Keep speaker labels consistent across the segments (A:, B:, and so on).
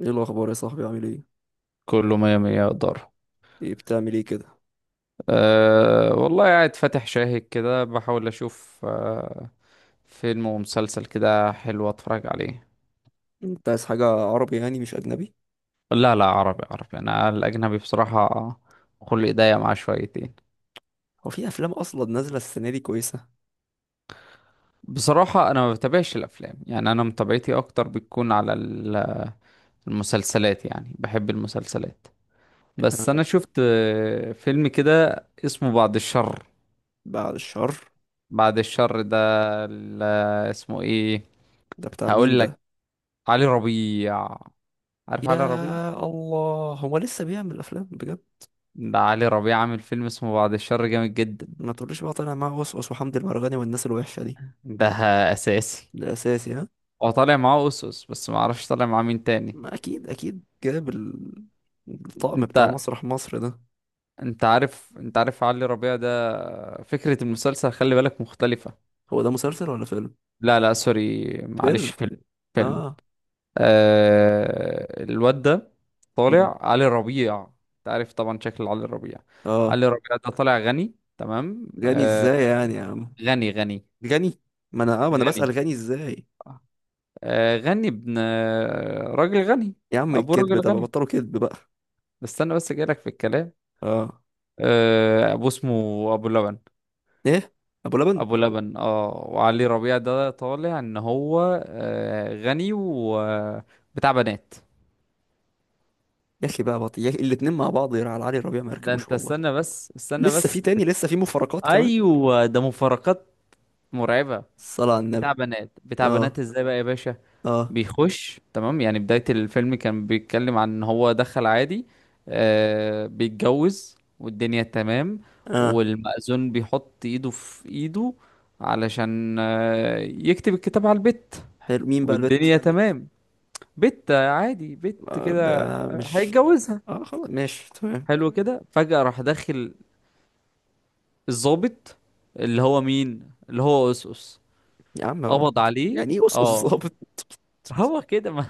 A: ايه الاخبار يا صاحبي؟ عامل ايه؟
B: كله مية مية يقدر.
A: ايه بتعمل ايه كده؟
B: أه والله قاعد فاتح شاهد كده، بحاول أشوف فيلم ومسلسل كده حلو أتفرج عليه.
A: انت عايز حاجه عربي يعني، مش اجنبي؟
B: لا لا، عربي عربي، أنا الأجنبي بصراحة خلق ضيق معاه شويتين.
A: هو في افلام اصلا نازله السنه دي كويسه؟
B: بصراحة أنا ما بتابعش الأفلام، يعني أنا متابعتي أكتر بتكون على المسلسلات، يعني بحب المسلسلات. بس
A: آه،
B: أنا شفت فيلم كده اسمه بعد الشر.
A: بعد الشر
B: بعد الشر ده ال- اسمه إيه؟
A: ده بتاع مين
B: هقول لك،
A: ده؟
B: علي ربيع. عارف
A: يا
B: علي ربيع؟
A: الله، هو لسه بيعمل افلام بجد؟
B: ده علي ربيع عامل فيلم اسمه بعد الشر، جامد جدا.
A: ما تقوليش بقى طالع معاه وسوس وحمد المرغني والناس الوحشه دي.
B: ده اساسي.
A: ده اساسي، ها؟
B: هو طالع معاه أوسوس، بس ما اعرفش طالع معاه مين تاني.
A: ما اكيد اكيد جاب الطقم بتاع
B: انت
A: مسرح مصر ده.
B: انت عارف علي ربيع ده؟ فكرة المسلسل، خلي بالك، مختلفة.
A: هو ده مسلسل ولا فيلم؟
B: لا لا، سوري، معلش،
A: فيلم.
B: فيلم. فيلم.
A: اه.
B: الواد ده
A: مم.
B: طالع علي ربيع. انت عارف طبعا شكل علي ربيع.
A: اه.
B: علي ربيع ده طالع غني تمام
A: غني ازاي يعني يا عم؟
B: غني غني.
A: غني. ما انا بسأل
B: غني.
A: غني ازاي.
B: غني ابن راجل غني.
A: يا عم
B: ابوه
A: الكذب
B: راجل
A: ده بقى،
B: غني.
A: بطلوا كذب بقى.
B: استنى بس، جايلك في الكلام.
A: اه.
B: ابوه اسمه ابو لبن.
A: ايه؟ ابو لبن.
B: ابو لبن. اه، وعلي ربيع ده طالع ان هو غني وبتاع بنات.
A: يا اخي بقى بطي، يا أخي الاتنين مع بعض يا على علي ربيع ما
B: ده
A: يركبوش
B: انت
A: والله.
B: استنى بس استنى
A: لسه في
B: بس.
A: تاني، لسه في مفارقات كمان.
B: ايوه، ده مفارقات مرعبة.
A: الصلاة على
B: بتاع
A: النبي.
B: بنات، بتاع
A: اه
B: بنات ازاي بقى يا باشا؟
A: اه
B: بيخش تمام، يعني بداية الفيلم كان بيتكلم عن ان هو دخل عادي، بيتجوز والدنيا تمام،
A: اه.
B: والمأذون بيحط ايده في ايده علشان يكتب الكتاب على البت
A: حلو، مين بقى البت؟
B: والدنيا تمام. بت عادي، بت
A: آه
B: كده،
A: بقى مش.
B: هيتجوزها.
A: اه خلاص، ماشي تمام.
B: حلو كده. فجأة راح داخل الضابط، اللي هو مين، اللي هو أسس،
A: يا عم بقى
B: قبض
A: بطي.
B: عليه.
A: يعني ايه اسقط
B: اه،
A: الظابط؟
B: هو كده ما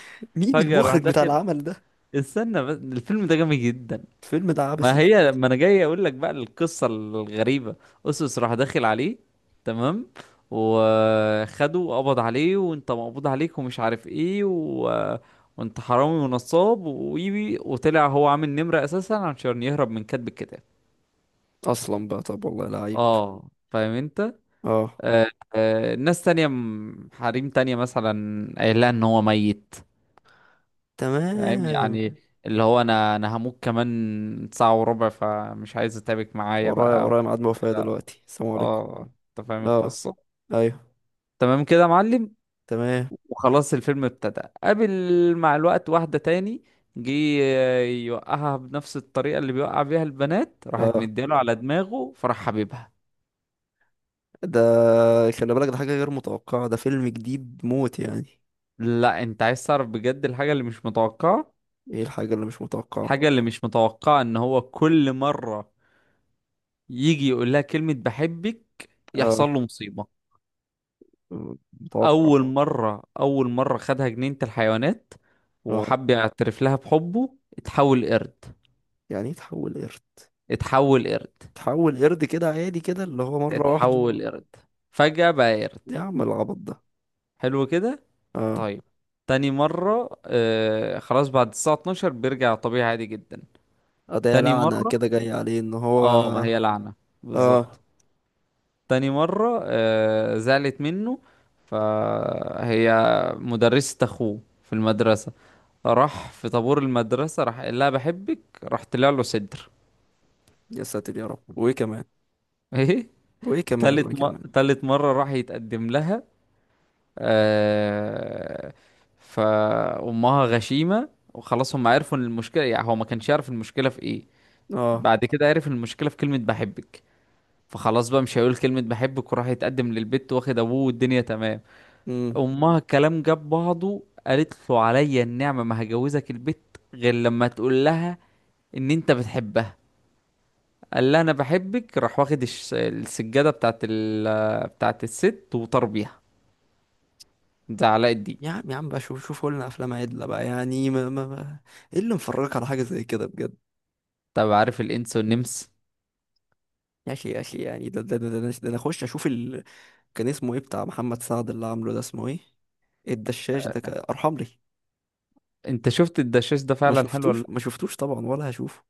A: مين
B: فجأة راح
A: المخرج بتاع
B: داخل.
A: العمل ده؟
B: استنى بس، الفيلم ده جامد جدا.
A: الفيلم ده
B: ما
A: عبثي.
B: هي، ما انا جاي اقول لك بقى القصة الغريبة. اسوس راح داخل عليه، تمام، وخده وقبض عليه، وانت مقبوض عليك ومش عارف ايه وانت حرامي ونصاب ويبي، وطلع هو عامل نمرة اساسا عشان يهرب من كاتب الكتاب.
A: اصلا بقى، طب والله لعيب.
B: اه، فاهم انت.
A: اه.
B: آه ناس تانية حريم تانية مثلا قايل لها ان هو ميت.
A: تمام.
B: فاهم يعني؟ اللي هو انا هموت كمان ساعة وربع، فمش عايز اتعبك معايا
A: ورايا
B: بقى
A: ورايا ميعاد وفاة
B: كده.
A: دلوقتي، السلام عليكم.
B: اه، انت فاهم
A: اه،
B: القصة؟
A: ايوه،
B: تمام كده يا معلم.
A: تمام.
B: وخلاص الفيلم ابتدى، قابل مع الوقت واحدة تاني، جه يوقعها بنفس الطريقة اللي بيوقع بيها البنات، راحت
A: اه.
B: مديله على دماغه فراح حبيبها.
A: ده خلي بالك، ده حاجة غير متوقعة، ده فيلم جديد موت يعني.
B: لا، انت عايز تعرف بجد الحاجة اللي مش متوقعة؟
A: ايه الحاجة اللي مش متوقعة؟
B: الحاجة اللي مش متوقعة ان هو كل مرة يجي يقول لها كلمة بحبك
A: اه،
B: يحصل له مصيبة.
A: متوقع.
B: اول مره خدها جنينه الحيوانات
A: اه.
B: وحب يعترف لها بحبه، اتحول قرد.
A: يعني ايه تحول قرد؟
B: اتحول قرد.
A: تحول قرد كده عادي، كده اللي هو مرة واحدة.
B: اتحول قرد. فجاه بقى قرد.
A: يا عم العبط ده.
B: حلو كده.
A: اه.
B: طيب. تاني مره، خلاص، بعد الساعه 12 بيرجع طبيعي عادي جدا.
A: آه، ده يا
B: تاني
A: لعنة
B: مره،
A: كده جاية عليه ان هو.
B: اه، ما هي لعنه بالظبط.
A: اه.
B: تاني مره زعلت منه، فهي مدرسه اخوه في المدرسه. راح في طابور المدرسة، راح قال لها بحبك، راح طلع له صدر.
A: يا ساتر يا رب، وايه كمان،
B: ايه؟
A: وايه كمان، وايه كمان.
B: تالت مرة راح يتقدم لها آه... فأمها غشيمة، وخلاص هم عرفوا ان المشكلة، يعني هو ما كانش يعرف المشكلة في ايه.
A: اه.
B: بعد كده عرف المشكلة في كلمة بحبك، فخلاص بقى مش هيقول كلمة بحبك، وراح يتقدم للبت واخد ابوه والدنيا تمام.
A: امم
B: امها الكلام جاب بعضه، قالت له عليا النعمة ما هجوزك البت غير لما تقول لها ان انت بتحبها. قال لها انا بحبك، راح واخد السجاده بتاعت بتاعت الست وطار بيها. ده علاء الدين.
A: يا عم يا عم بقى، شوف شوفوا لنا افلام عدلة بقى يعني ايه اللي مفرجك على حاجة زي كده بجد؟
B: طب، عارف الانس والنمس؟
A: يا اخي يا اخي، يعني ده انا اخش اشوف. كان اسمه ايه بتاع محمد سعد اللي عامله ده، اسمه ايه؟ الدشاش ده، ارحم لي.
B: انت شفت الدشاش ده
A: ما
B: فعلا حلو ولا
A: شفتوش
B: لا؟
A: ما شفتوش طبعا، ولا هشوفه.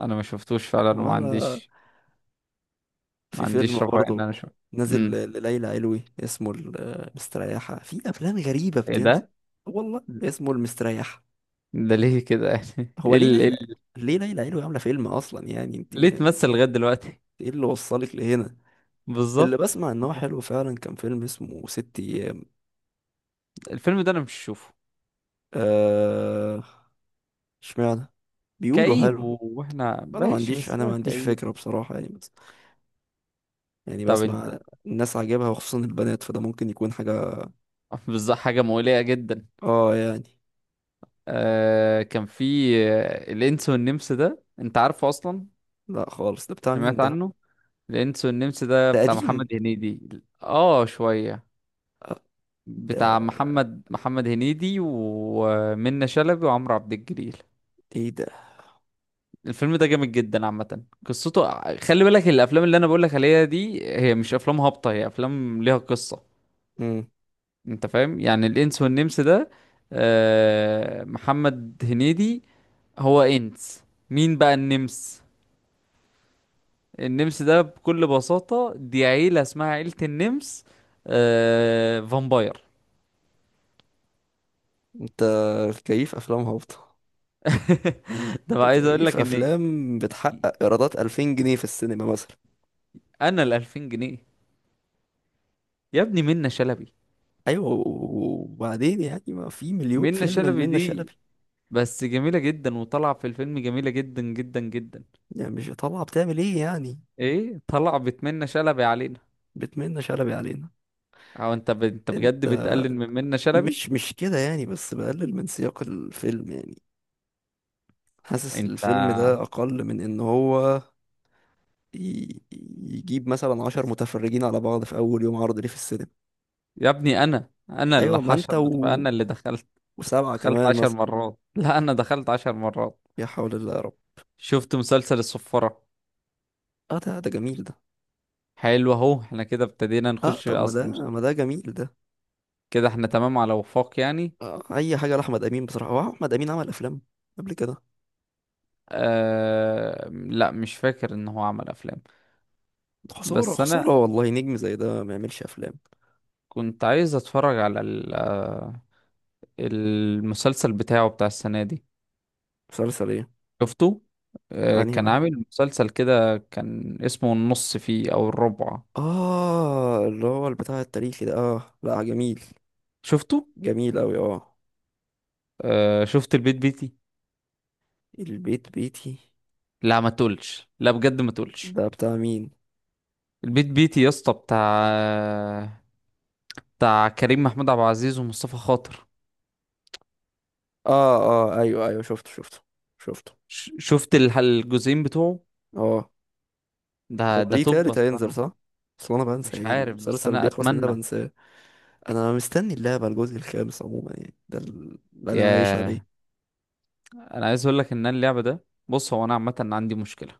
B: انا ما شفتوش فعلا وما
A: ولا.
B: عنديش ما
A: في فيلم
B: عنديش رفاهيه ان
A: برضه
B: انا اشوف.
A: نازل
B: امم
A: لليلى علوي اسمه المستريحة، في أفلام غريبة
B: ايه
A: بتنزل.
B: ده؟
A: والله اسمه المستريحة.
B: ده ليه كده يعني؟
A: هو
B: ايه
A: ليه
B: ال... إيه
A: ليلى
B: ال...
A: ليه ليلى علوي عاملة فيلم أصلا يعني انت
B: ليه تمثل لغايه دلوقتي؟
A: ايه اللي وصلك لهنا؟ اللي
B: بالظبط.
A: بسمع ان هو حلو فعلا كان فيلم اسمه ست أيام.
B: الفيلم ده انا مش شوفه.
A: آه... اشمعنى. بيقولوا
B: كئيب،
A: حلو.
B: واحنا
A: انا ما
B: ماشي
A: عنديش
B: بس
A: انا ما
B: هو
A: عنديش
B: كئيب.
A: فكرة بصراحة يعني. يعني
B: طب انت.
A: بسمع. الناس عاجبها وخصوصا البنات، فده ممكن يكون حاجة.
B: بالظبط، حاجه مؤلمه جدا.
A: اه يعني.
B: كان في الانس والنمس ده، انت عارفه اصلا؟
A: لا خالص، ده بتاع مين
B: سمعت
A: ده؟
B: عنه. الانس والنمس ده
A: ده
B: بتاع محمد
A: قديم.
B: هنيدي. اه، شوية.
A: ده
B: بتاع محمد هنيدي ومنة شلبي وعمرو عبد الجليل.
A: ايه ده؟
B: الفيلم ده جامد جدا عامة، قصته خلي بالك، الافلام اللي انا بقولك عليها دي هي مش افلام هابطة، هي افلام ليها قصة.
A: مم.
B: انت فاهم يعني؟ الانس والنمس ده، محمد هنيدي هو انس، مين بقى النمس؟ النمس ده بكل بساطة دي عيلة اسمها عيلة النمس فامباير.
A: انت كيف افلام هابطة؟
B: ده بقى
A: انت
B: عايز اقول
A: كيف
B: لك ان
A: افلام بتحقق ايرادات 2000 جنيه في السينما مثلا؟
B: انا ال 2000 جنيه يا ابني منة شلبي.
A: ايوه، وبعدين يعني ما في مليون
B: منة
A: فيلم
B: شلبي
A: لمنى
B: دي
A: شلبي.
B: بس جميلة جدا، وطالعة في الفيلم جميلة جدا جدا جدا.
A: يعني مش طالعة بتعمل ايه يعني؟
B: ايه؟ طلع بتمنى شلبي علينا؟
A: بتمنى شلبي علينا.
B: او انت انت بجد
A: انت
B: بتقلل من منة شلبي؟
A: مش كده يعني، بس بقلل من سياق الفيلم يعني. حاسس
B: انت.
A: الفيلم ده اقل من ان هو ي- يجيب مثلا عشر متفرجين على بعض في أول يوم عرض ليه في السينما.
B: يا ابني انا اللي
A: أيوة ما
B: حشر،
A: أنت
B: بتبقى انا اللي دخلت،
A: وسبعة
B: دخلت
A: كمان
B: عشر
A: مثلا.
B: مرات لا، انا دخلت 10 مرات.
A: يا حول الله يا رب.
B: شفت مسلسل الصفارة؟
A: أه ده جميل ده.
B: حلو، اهو احنا كده ابتدينا
A: أه
B: نخش
A: طب ما
B: اصلا.
A: ده ما ده جميل ده.
B: كده احنا تمام على وفاق يعني.
A: أه أي حاجة لأحمد أمين بصراحة. هو أحمد أمين عمل أفلام قبل كده؟
B: آه لا، مش فاكر ان هو عمل افلام.
A: خسارة
B: بس انا
A: خسارة والله، نجم زي ده ما يعملش أفلام.
B: كنت عايز اتفرج على المسلسل بتاعه بتاع السنة دي.
A: مسلسل إيه؟
B: شفته؟
A: أنهي
B: كان
A: واحد؟
B: عامل مسلسل كده، كان اسمه النص فيه او الربع.
A: آه، اللي هو البتاع التاريخي ده، آه، لا جميل.
B: شفته؟
A: جميل أوي، آه.
B: شفت البيت بيتي؟
A: البيت بيتي.
B: لا، ما تقولش لا بجد، ما تقولش.
A: ده بتاع مين؟
B: البيت بيتي يا اسطى، بتاع كريم محمود عبد العزيز ومصطفى خاطر.
A: آه، آه، أيوه أيوه، شفته شفته شفته.
B: شفت الجزئين بتوعه.
A: اه.
B: ده
A: هو
B: ده
A: ليه
B: توب.
A: تالت
B: بس
A: هينزل
B: انا
A: صح؟ بس انا بنسى
B: مش
A: يعني،
B: عارف، بس
A: المسلسل
B: انا
A: بيخلص من ده
B: اتمنى.
A: بنساه. انا مستني اللعبة الجزء الخامس عموما، يعني ده اللي انا عايش
B: يا،
A: عليه.
B: انا عايز اقول لك ان أنا اللعبه ده، بص، هو انا عامه عندي مشكله.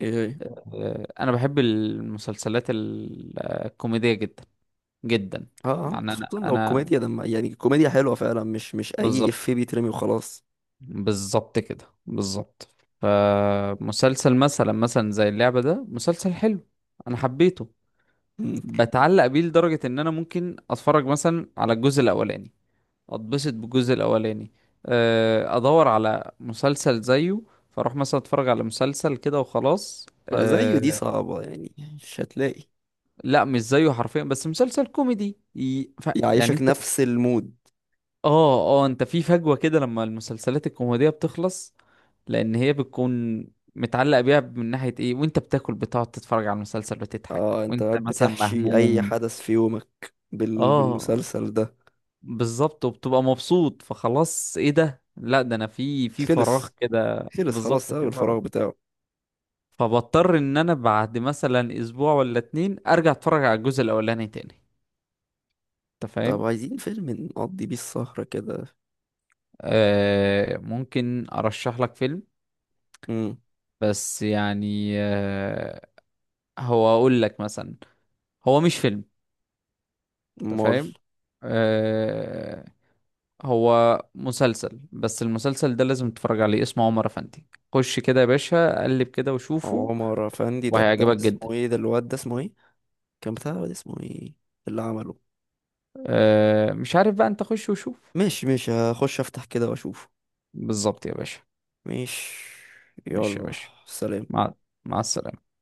A: ايه؟ إيه؟
B: انا بحب المسلسلات الكوميديه جدا جدا.
A: اه اه،
B: يعني انا
A: خصوصا لو
B: انا
A: الكوميديا دم، يعني الكوميديا حلوة فعلا، مش اي افيه
B: بالظبط.
A: بيترمي وخلاص.
B: بالظبط كده بالظبط. فمسلسل مثلا زي اللعبه ده مسلسل حلو، انا حبيته.
A: مم.
B: بتعلق بيه لدرجه ان انا ممكن اتفرج مثلا على الجزء الاولاني، اتبسط بالجزء الاولاني، ادور على مسلسل زيه، فاروح مثلا اتفرج على مسلسل كده وخلاص
A: لا زيه دي صعبة، يعني مش هتلاقي.
B: لا، مش زيه حرفيا، بس مسلسل كوميدي يعني
A: يعيشك
B: انت.
A: نفس المود.
B: اه اه، انت في فجوة كده لما المسلسلات الكوميدية بتخلص، لان هي بتكون متعلق بيها من ناحية ايه، وانت بتاكل، بتقعد تتفرج على المسلسل، بتضحك،
A: اه، انت
B: وانت
A: قاعد
B: مثلا
A: بتحشي اي
B: مهموم.
A: حدث في يومك
B: اه
A: بالمسلسل ده.
B: بالظبط، وبتبقى مبسوط. فخلاص، ايه ده، لا ده انا في فراغ
A: خلص
B: كده،
A: خلص، خلاص
B: بالظبط
A: سبب
B: في فراغ.
A: الفراغ بتاعه.
B: فبضطر ان انا بعد مثلا اسبوع ولا اتنين ارجع اتفرج على الجزء الاولاني تاني. انت
A: طب
B: فاهم؟
A: عايزين فيلم نقضي بيه السهرة كده.
B: آه، ممكن ارشح لك فيلم،
A: مم.
B: بس يعني هو اقول لك مثلا. هو مش فيلم، انت
A: مول.
B: فاهم؟ آه هو مسلسل، بس المسلسل ده لازم تتفرج عليه، اسمه عمر افندي. خش كده يا باشا، قلب كده وشوفه،
A: عمر افندي ده بتاع
B: وهيعجبك جدا.
A: اسمه ايه، ده الواد ده اسمه ايه؟ كان بتاع الواد اسمه ايه اللي عمله؟
B: أه مش عارف بقى، انت خش وشوف.
A: ماشي ماشي، هخش افتح كده واشوف.
B: بالظبط يا باشا.
A: ماشي.
B: ماشي يا
A: يلا.
B: باشا.
A: سلام.
B: مع مع السلامة.